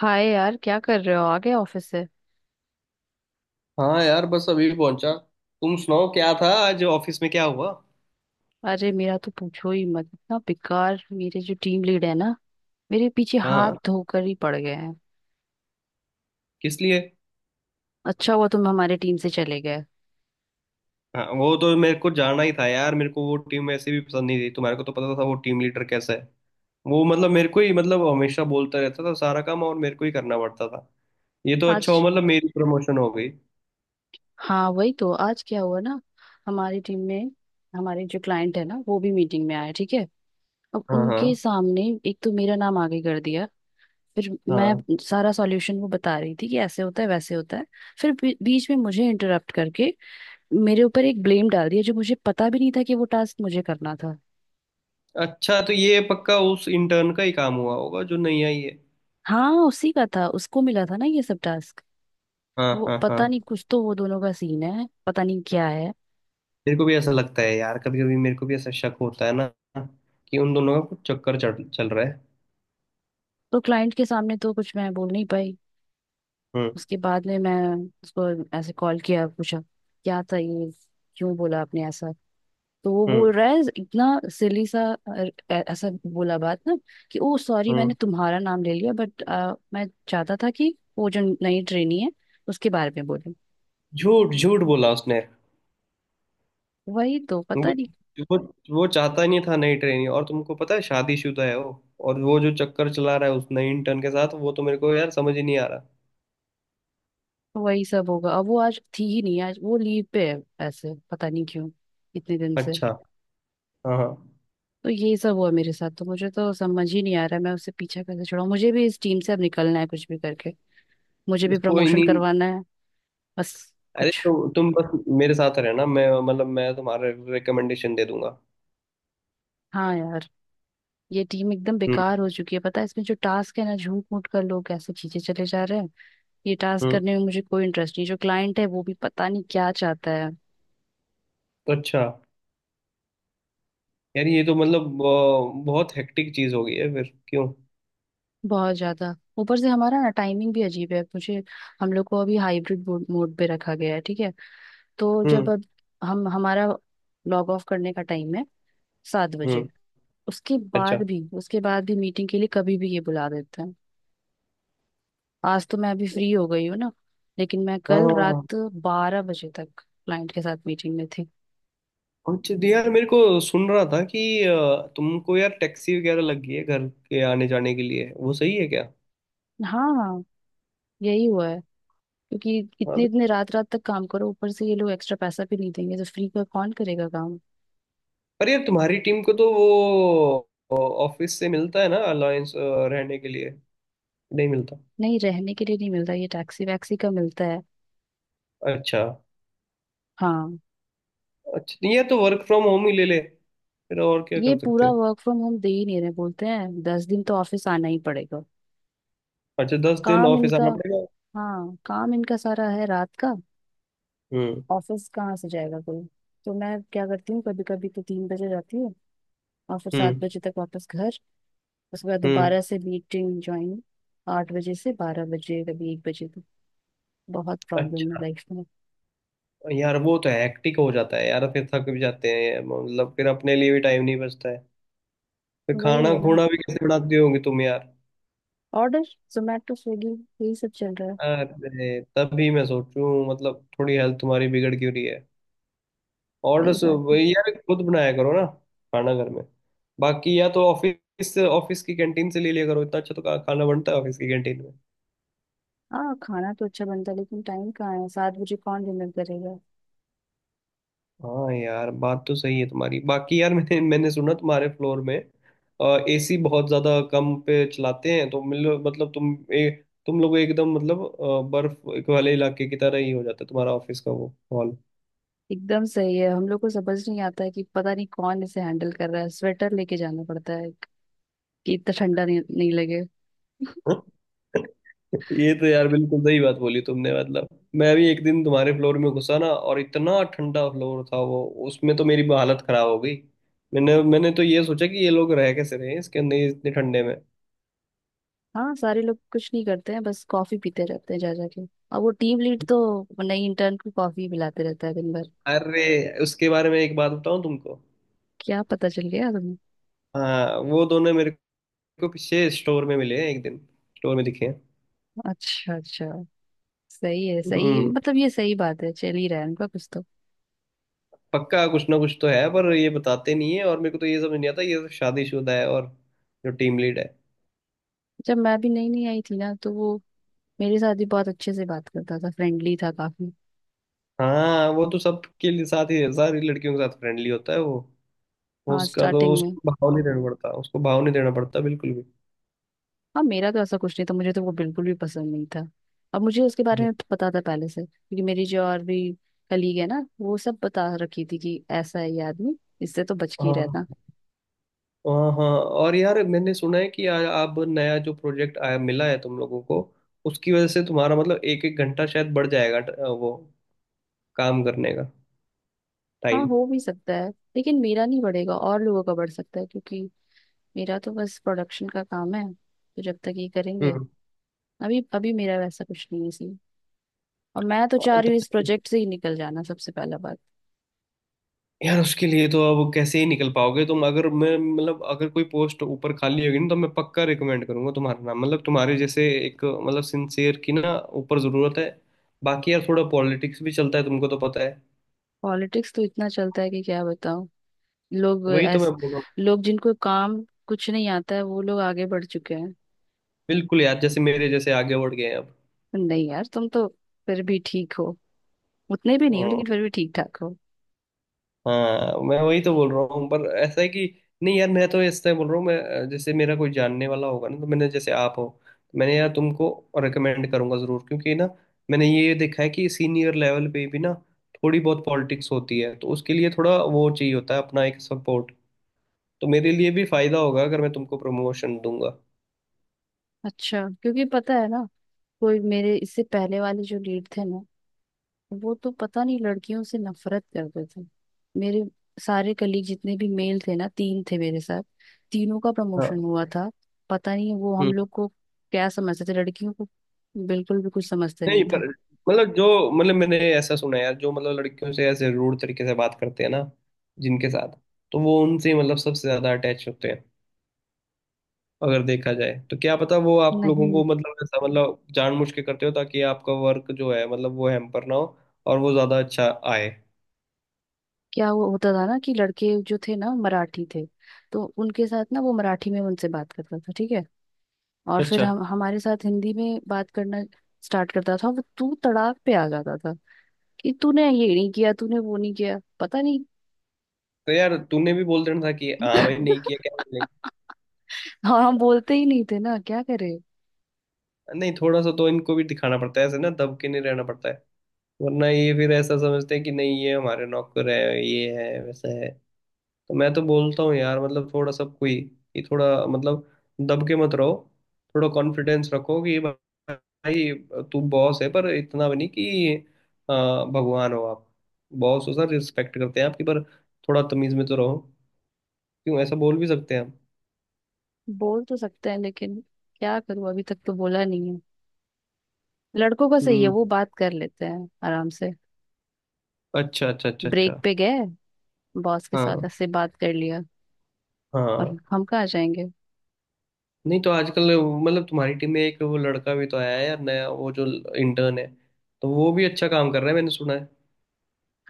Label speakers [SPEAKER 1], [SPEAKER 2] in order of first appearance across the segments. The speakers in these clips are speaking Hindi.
[SPEAKER 1] हाय यार क्या कर रहे हो आ गए ऑफिस से।
[SPEAKER 2] हाँ यार बस अभी पहुंचा। तुम सुनाओ क्या था आज ऑफिस में क्या हुआ।
[SPEAKER 1] अरे मेरा तो पूछो ही मत इतना बेकार। मेरे जो टीम लीड है ना मेरे पीछे हाथ
[SPEAKER 2] हाँ।
[SPEAKER 1] धोकर ही पड़ गए हैं।
[SPEAKER 2] किस लिए।
[SPEAKER 1] अच्छा हुआ तुम हमारे टीम से चले गए।
[SPEAKER 2] हाँ वो तो मेरे को जाना ही था यार। मेरे को वो टीम ऐसे भी पसंद नहीं थी। तुम्हारे को तो पता था वो टीम लीडर कैसा है। वो मतलब मेरे को ही मतलब हमेशा बोलता रहता था सारा काम और मेरे को ही करना पड़ता था। ये तो
[SPEAKER 1] आज।
[SPEAKER 2] अच्छा हो मतलब मेरी प्रमोशन हो गई।
[SPEAKER 1] हाँ वही तो आज क्या हुआ ना। हमारी टीम में हमारे जो क्लाइंट है ना वो भी मीटिंग में आया, ठीक है। अब
[SPEAKER 2] हाँ,
[SPEAKER 1] उनके
[SPEAKER 2] हाँ,
[SPEAKER 1] सामने एक तो मेरा नाम आगे कर दिया। फिर मैं
[SPEAKER 2] हाँ।
[SPEAKER 1] सारा सॉल्यूशन वो बता रही थी कि ऐसे होता है वैसे होता है। फिर बीच में मुझे इंटरप्ट करके मेरे ऊपर एक ब्लेम डाल दिया जो मुझे पता भी नहीं था कि वो टास्क मुझे करना था।
[SPEAKER 2] अच्छा तो ये पक्का उस इंटर्न का ही काम हुआ होगा जो नहीं आई है।
[SPEAKER 1] हाँ उसी का था, उसको मिला था ना ये सब टास्क।
[SPEAKER 2] हाँ,
[SPEAKER 1] वो
[SPEAKER 2] हाँ, हाँ।
[SPEAKER 1] पता नहीं, कुछ तो वो दोनों का सीन है, पता नहीं क्या है।
[SPEAKER 2] मेरे को भी ऐसा लगता है यार। कभी कभी मेरे को भी ऐसा शक होता है ना कि उन दोनों का कुछ चक्कर चढ़ चल रहा
[SPEAKER 1] तो क्लाइंट के सामने तो कुछ मैं बोल नहीं पाई।
[SPEAKER 2] है।
[SPEAKER 1] उसके बाद में मैं उसको ऐसे कॉल किया, पूछा क्या था ये, क्यों बोला आपने ऐसा। तो वो
[SPEAKER 2] हम्म।
[SPEAKER 1] बोल रहा है इतना सिली सा, अ, ऐसा बोला बात ना कि ओ सॉरी, मैंने
[SPEAKER 2] हम्म।
[SPEAKER 1] तुम्हारा नाम ले लिया, बट मैं चाहता था कि वो जो नई ट्रेनी है उसके बारे में बोले।
[SPEAKER 2] झूठ झूठ बोला उसने।
[SPEAKER 1] वही तो
[SPEAKER 2] वो
[SPEAKER 1] पता नहीं।
[SPEAKER 2] वो वो चाहता ही नहीं था नई ट्रेनिंग और तुमको पता है शादीशुदा है वो। और वो जो चक्कर चला रहा है उस नई इंटर्न के साथ वो तो मेरे को यार समझ ही नहीं आ रहा।
[SPEAKER 1] वही सब होगा। अब वो आज थी ही नहीं, आज वो लीव पे है। ऐसे पता नहीं क्यों, इतने दिन से।
[SPEAKER 2] अच्छा। हाँ, हाँ।
[SPEAKER 1] तो यही सब हुआ मेरे साथ, तो मुझे तो समझ ही नहीं आ रहा है, मैं उससे पीछा कैसे छुड़ाऊं। मुझे भी इस टीम से अब निकलना है, कुछ भी करके। मुझे भी
[SPEAKER 2] कोई
[SPEAKER 1] प्रमोशन
[SPEAKER 2] नहीं।
[SPEAKER 1] करवाना है। बस
[SPEAKER 2] अरे
[SPEAKER 1] कुछ।
[SPEAKER 2] तो, तुम बस मेरे साथ रहना। मैं मतलब मैं तुम्हारा रिकमेंडेशन दे दूंगा।
[SPEAKER 1] हाँ यार, ये टीम एकदम
[SPEAKER 2] हम्म।
[SPEAKER 1] बेकार हो चुकी है। पता है इसमें जो टास्क है ना, झूठ मूठ कर लोग कैसे खींचे चले जा रहे हैं। ये टास्क
[SPEAKER 2] हम्म।
[SPEAKER 1] करने में मुझे कोई इंटरेस्ट नहीं। जो क्लाइंट है वो भी पता नहीं क्या चाहता है।
[SPEAKER 2] तो अच्छा यार ये तो मतलब बहुत हेक्टिक चीज हो गई है। फिर क्यों।
[SPEAKER 1] बहुत ज्यादा। ऊपर से हमारा ना टाइमिंग भी अजीब है। मुझे हम लोग को अभी हाइब्रिड मोड पे रखा गया है, ठीक है। तो जब
[SPEAKER 2] हम्म।
[SPEAKER 1] अब हम हमारा लॉग ऑफ करने का टाइम है 7 बजे।
[SPEAKER 2] हम्म। अच्छा।
[SPEAKER 1] उसके बाद भी मीटिंग के लिए कभी भी ये बुला देते हैं। आज तो मैं अभी फ्री हो गई हूँ ना। लेकिन मैं
[SPEAKER 2] हाँ,
[SPEAKER 1] कल
[SPEAKER 2] हाँ, हाँ।
[SPEAKER 1] रात 12 बजे तक क्लाइंट के साथ मीटिंग में थी।
[SPEAKER 2] अच्छा तो यार मेरे को सुन रहा था कि तुमको यार टैक्सी वगैरह लग गई है घर के आने जाने के लिए। वो सही है क्या।
[SPEAKER 1] हाँ यही हुआ है। क्योंकि
[SPEAKER 2] हाँ।
[SPEAKER 1] इतने इतने रात रात तक काम करो, ऊपर से ये लोग एक्स्ट्रा पैसा भी नहीं देंगे, तो फ्री का कौन करेगा काम।
[SPEAKER 2] पर यार तुम्हारी टीम को तो वो ऑफिस से मिलता है ना अलायंस रहने के लिए। नहीं मिलता।
[SPEAKER 1] नहीं, रहने के लिए नहीं मिलता, ये टैक्सी वैक्सी का मिलता है।
[SPEAKER 2] अच्छा।
[SPEAKER 1] हाँ
[SPEAKER 2] अच्छा नहीं यार तो वर्क फ्रॉम होम ही ले ले फिर। और क्या
[SPEAKER 1] ये
[SPEAKER 2] कर सकते
[SPEAKER 1] पूरा
[SPEAKER 2] हैं।
[SPEAKER 1] वर्क फ्रॉम होम दे ही नहीं रहे, बोलते हैं 10 दिन तो ऑफिस आना ही पड़ेगा।
[SPEAKER 2] अच्छा दस दिन
[SPEAKER 1] काम
[SPEAKER 2] ऑफिस
[SPEAKER 1] इनका।
[SPEAKER 2] आना पड़ेगा।
[SPEAKER 1] हाँ काम इनका सारा है रात का।
[SPEAKER 2] हम्म।
[SPEAKER 1] ऑफिस कहाँ से जाएगा कोई। तो मैं क्या करती हूँ, कभी कभी तो 3 बजे जाती हूँ और फिर सात
[SPEAKER 2] हम्म।
[SPEAKER 1] बजे तक वापस घर। उसके बाद
[SPEAKER 2] हम्म।
[SPEAKER 1] दोबारा से मीटिंग ज्वाइन। 8 बजे से 12 बजे, कभी 1 बजे तक। बहुत प्रॉब्लम है
[SPEAKER 2] अच्छा
[SPEAKER 1] लाइफ में।
[SPEAKER 2] यार वो तो हेक्टिक हो जाता है यार। फिर थक भी जाते हैं मतलब। फिर अपने लिए भी टाइम नहीं बचता है। फिर
[SPEAKER 1] वही
[SPEAKER 2] खाना
[SPEAKER 1] है ना,
[SPEAKER 2] खूना भी कैसे बनाती होगी तुम यार।
[SPEAKER 1] ऑर्डर, जोमेटो स्विगी, यही सब चल रहा है।
[SPEAKER 2] अरे तभी मैं सोचूं मतलब थोड़ी हेल्थ तुम्हारी बिगड़ क्यों रही है।
[SPEAKER 1] वही
[SPEAKER 2] ऑर्डर्स
[SPEAKER 1] बात।
[SPEAKER 2] वही यार खुद बनाया करो ना खाना घर में। बाकी या तो ऑफिस से ऑफिस की कैंटीन से ले लिया करो। इतना अच्छा तो खाना बनता है ऑफिस की कैंटीन में।
[SPEAKER 1] हाँ खाना तो अच्छा बनता है, लेकिन टाइम कहाँ है। 7 बजे कौन डिनर करेगा।
[SPEAKER 2] हाँ यार बात तो सही है तुम्हारी। बाकी यार मैंने मैंने सुना तुम्हारे फ्लोर में एसी बहुत ज्यादा कम पे चलाते हैं। तो मिल मतलब तुम तुम लोग एकदम मतलब बर्फ वाले इलाके की तरह ही हो जाता है तुम्हारा ऑफिस का वो।
[SPEAKER 1] एकदम सही है, हम लोग को समझ नहीं आता है कि पता नहीं कौन इसे हैंडल कर रहा है। स्वेटर लेके जाना पड़ता है कि इतना ठंडा नहीं, नहीं लगे।
[SPEAKER 2] ये तो यार बिल्कुल सही बात बोली तुमने मतलब। मैं भी एक दिन तुम्हारे फ्लोर में घुसा ना और इतना ठंडा फ्लोर था वो उसमें तो मेरी हालत खराब हो गई। मैंने मैंने तो ये सोचा कि ये लोग रह कैसे रहे हैं इसके अंदर ये इतने ठंडे में।
[SPEAKER 1] हाँ सारे लोग कुछ नहीं करते हैं, बस कॉफी पीते रहते हैं जा जाके। और वो टीम लीड तो नई इंटर्न को कॉफी पिलाते रहता है दिन भर।
[SPEAKER 2] अरे उसके बारे में एक बात बताऊं तुमको।
[SPEAKER 1] क्या पता चल गया तुम्हें?
[SPEAKER 2] हाँ वो दोनों मेरे को पीछे स्टोर में मिले हैं एक दिन। स्टोर में दिखे हैं।
[SPEAKER 1] अच्छा अच्छा। सही है। सही
[SPEAKER 2] हम्म।
[SPEAKER 1] मतलब ये सही बात है, चल ही रहा है उनका कुछ तो।
[SPEAKER 2] पक्का कुछ ना कुछ तो है पर ये बताते नहीं है। और मेरे को तो ये समझ नहीं आता ये तो शादीशुदा है और जो टीम लीड है।
[SPEAKER 1] जब मैं भी नई नई आई थी ना, तो वो मेरे साथ भी बहुत अच्छे से बात करता था, फ्रेंडली था काफी।
[SPEAKER 2] हाँ वो तो सबके लिए साथ ही सारी लड़कियों के साथ फ्रेंडली होता है वो। वो
[SPEAKER 1] हाँ
[SPEAKER 2] उसका तो
[SPEAKER 1] स्टार्टिंग में।
[SPEAKER 2] उसको भाव नहीं देना पड़ता, उसको भाव नहीं देना पड़ता बिल्कुल भी।
[SPEAKER 1] हाँ मेरा तो ऐसा कुछ नहीं था, मुझे तो वो बिल्कुल भी पसंद नहीं था। अब मुझे उसके बारे
[SPEAKER 2] हम्म।
[SPEAKER 1] में पता था पहले से, क्योंकि मेरी जो और भी कलीग है ना, वो सब बता रखी थी कि ऐसा है ये आदमी, इससे तो बच के ही
[SPEAKER 2] हाँ,
[SPEAKER 1] रहना।
[SPEAKER 2] हाँ, हाँ और यार मैंने सुना है कि अब नया जो प्रोजेक्ट आया मिला है तुम लोगों को। उसकी वजह से तुम्हारा मतलब एक एक घंटा शायद बढ़ जाएगा वो काम करने का
[SPEAKER 1] हाँ
[SPEAKER 2] टाइम।
[SPEAKER 1] हो भी सकता है, लेकिन मेरा नहीं बढ़ेगा, और लोगों का बढ़ सकता है, क्योंकि मेरा तो बस प्रोडक्शन का काम है। तो जब तक ये करेंगे
[SPEAKER 2] हम्म।
[SPEAKER 1] अभी अभी, मेरा वैसा कुछ नहीं है सीन। और मैं तो चाह रही हूँ इस प्रोजेक्ट से ही निकल जाना सबसे पहला बात।
[SPEAKER 2] यार उसके लिए तो अब कैसे ही निकल पाओगे तुम। अगर मैं मतलब अगर कोई पोस्ट ऊपर खाली होगी ना तो मैं पक्का रिकमेंड करूंगा तुम्हारा नाम। मतलब तुम्हारे जैसे एक मतलब सिंसियर की ना ऊपर जरूरत है। बाकी यार थोड़ा पॉलिटिक्स भी चलता है तुमको तो पता है।
[SPEAKER 1] पॉलिटिक्स तो इतना चलता है कि क्या बताऊँ। लोग
[SPEAKER 2] वही तो मैं
[SPEAKER 1] ऐस
[SPEAKER 2] बोल रहा हूँ।
[SPEAKER 1] लोग जिनको काम कुछ नहीं आता है वो लोग आगे बढ़ चुके हैं।
[SPEAKER 2] बिल्कुल यार जैसे मेरे जैसे आगे बढ़ गए हैं।
[SPEAKER 1] नहीं यार, तुम तो फिर भी ठीक हो। उतने भी नहीं हो, लेकिन
[SPEAKER 2] अब
[SPEAKER 1] फिर भी ठीक ठाक हो।
[SPEAKER 2] हाँ मैं वही तो बोल रहा हूँ पर ऐसा है कि नहीं यार, मैं तो इस तरह बोल रहा हूँ। मैं जैसे मेरा कोई जानने वाला होगा ना तो मैंने, जैसे आप हो, तो मैंने यार तुमको रिकमेंड करूंगा जरूर। क्योंकि ना मैंने ये देखा है कि सीनियर लेवल पे भी ना थोड़ी बहुत पॉलिटिक्स होती है। तो उसके लिए थोड़ा वो चाहिए होता है, अपना एक सपोर्ट। तो मेरे लिए भी फायदा होगा अगर मैं तुमको प्रमोशन दूंगा।
[SPEAKER 1] अच्छा क्योंकि पता है ना, कोई मेरे इससे पहले वाले जो लीड थे ना, वो तो पता नहीं लड़कियों से नफरत करते थे। मेरे सारे कलीग जितने भी मेल थे ना, तीन थे मेरे साथ, तीनों का
[SPEAKER 2] हाँ।
[SPEAKER 1] प्रमोशन हुआ था। पता नहीं वो हम
[SPEAKER 2] हम्म।
[SPEAKER 1] लोग को क्या समझते थे, लड़कियों को बिल्कुल भी कुछ समझते
[SPEAKER 2] नहीं
[SPEAKER 1] नहीं थे।
[SPEAKER 2] पर मतलब जो मतलब मैंने ऐसा सुना है यार, जो मतलब लड़कियों से ऐसे रूड तरीके से बात करते हैं ना जिनके साथ, तो वो उनसे मतलब सबसे ज्यादा अटैच होते हैं अगर देखा जाए। तो क्या पता वो आप लोगों को
[SPEAKER 1] नहीं।
[SPEAKER 2] मतलब ऐसा मतलब जानबूझ के करते हो ताकि आपका वर्क जो है मतलब वो हैम्पर ना हो और वो ज्यादा अच्छा आए।
[SPEAKER 1] क्या वो होता था ना कि लड़के जो थे ना मराठी थे, तो उनके साथ ना वो मराठी में उनसे बात करता था, ठीक है। और फिर
[SPEAKER 2] अच्छा
[SPEAKER 1] हम हमारे साथ हिंदी में बात करना स्टार्ट करता था। वो तू तड़ाक पे आ जाता था कि तूने ये नहीं किया, तूने वो नहीं किया, पता नहीं।
[SPEAKER 2] तो यार, तूने भी बोल देना था कि हाँ भाई नहीं किया, क्या बोलेंगे।
[SPEAKER 1] हाँ हम बोलते ही नहीं थे ना, क्या करे।
[SPEAKER 2] नहीं थोड़ा सा तो इनको भी दिखाना पड़ता है। ऐसे ना दब के नहीं रहना पड़ता है। वरना ये फिर ऐसा समझते हैं कि नहीं ये हमारे नौकर है, ये है वैसा है। तो मैं तो बोलता हूँ यार मतलब थोड़ा सबको ही कि थोड़ा मतलब दब के मत रहो। थोड़ा कॉन्फिडेंस रखो कि भाई तू बॉस है पर इतना भी नहीं कि अ, भगवान हो आप। बॉस हो सर, रिस्पेक्ट करते हैं आपकी पर थोड़ा तमीज में तो रहो। क्यों ऐसा बोल भी सकते हैं हम।
[SPEAKER 1] बोल तो सकते हैं लेकिन क्या करूं, अभी तक तो बोला नहीं है। लड़कों का सही है,
[SPEAKER 2] हम्म।
[SPEAKER 1] वो बात कर लेते हैं आराम से,
[SPEAKER 2] अच्छा, अच्छा, अच्छा,
[SPEAKER 1] ब्रेक
[SPEAKER 2] अच्छा।
[SPEAKER 1] पे गए, बॉस के साथ
[SPEAKER 2] हाँ,
[SPEAKER 1] ऐसे बात कर लिया। और
[SPEAKER 2] हाँ।
[SPEAKER 1] हम कहाँ जाएंगे।
[SPEAKER 2] नहीं तो आजकल मतलब तुम्हारी टीम में एक वो लड़का भी तो आया है यार, नया, वो जो इंटर्न है। तो वो भी अच्छा काम कर रहा है मैंने सुना है।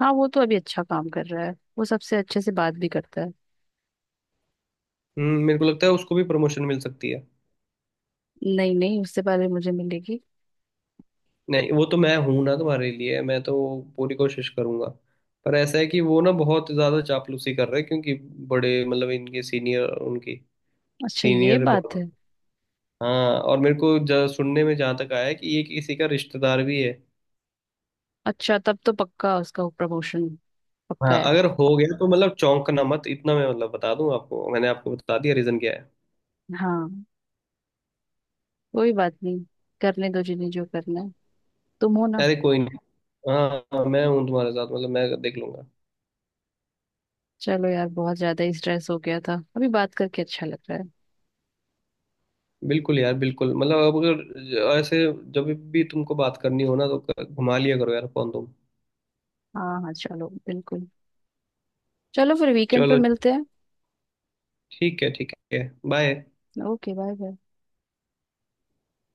[SPEAKER 1] हाँ वो तो अभी अच्छा काम कर रहा है, वो सबसे अच्छे से बात भी करता है।
[SPEAKER 2] मेरे को लगता है उसको भी प्रमोशन मिल सकती है।
[SPEAKER 1] नहीं नहीं, उससे पहले मुझे मिलेगी।
[SPEAKER 2] नहीं, वो तो मैं हूं ना तुम्हारे लिए। मैं तो पूरी कोशिश करूंगा। पर ऐसा है कि वो ना बहुत ज्यादा चापलूसी कर रहे हैं क्योंकि बड़े मतलब इनके सीनियर उनकी
[SPEAKER 1] अच्छा ये
[SPEAKER 2] सीनियर
[SPEAKER 1] बात है।
[SPEAKER 2] बहुत। हाँ और मेरे को सुनने में जहाँ तक आया है कि ये किसी का रिश्तेदार भी है।
[SPEAKER 1] अच्छा तब तो पक्का उसका प्रमोशन
[SPEAKER 2] हाँ
[SPEAKER 1] पक्का है।
[SPEAKER 2] अगर हो गया तो मतलब चौंकना मत इतना। मैं मतलब बता दूं आपको, मैंने आपको बता दिया रीजन क्या है।
[SPEAKER 1] हाँ कोई बात नहीं, करने दो जिन्हें जो करना है। तुम हो ना।
[SPEAKER 2] अरे कोई नहीं। हाँ। हाँ, मैं हूँ तुम्हारे साथ, मतलब मैं देख लूंगा।
[SPEAKER 1] चलो यार, बहुत ज्यादा ही स्ट्रेस हो गया था, अभी बात करके अच्छा लग रहा है।
[SPEAKER 2] बिल्कुल यार बिल्कुल मतलब, अब अगर ऐसे जब भी तुमको बात करनी हो ना तो घुमा लिया करो यार फोन तुम।
[SPEAKER 1] हाँ हाँ चलो बिल्कुल। चलो फिर वीकेंड पे
[SPEAKER 2] चलो।
[SPEAKER 1] मिलते हैं।
[SPEAKER 2] ठीक है, ठीक है। बाय।
[SPEAKER 1] Okay bye bye.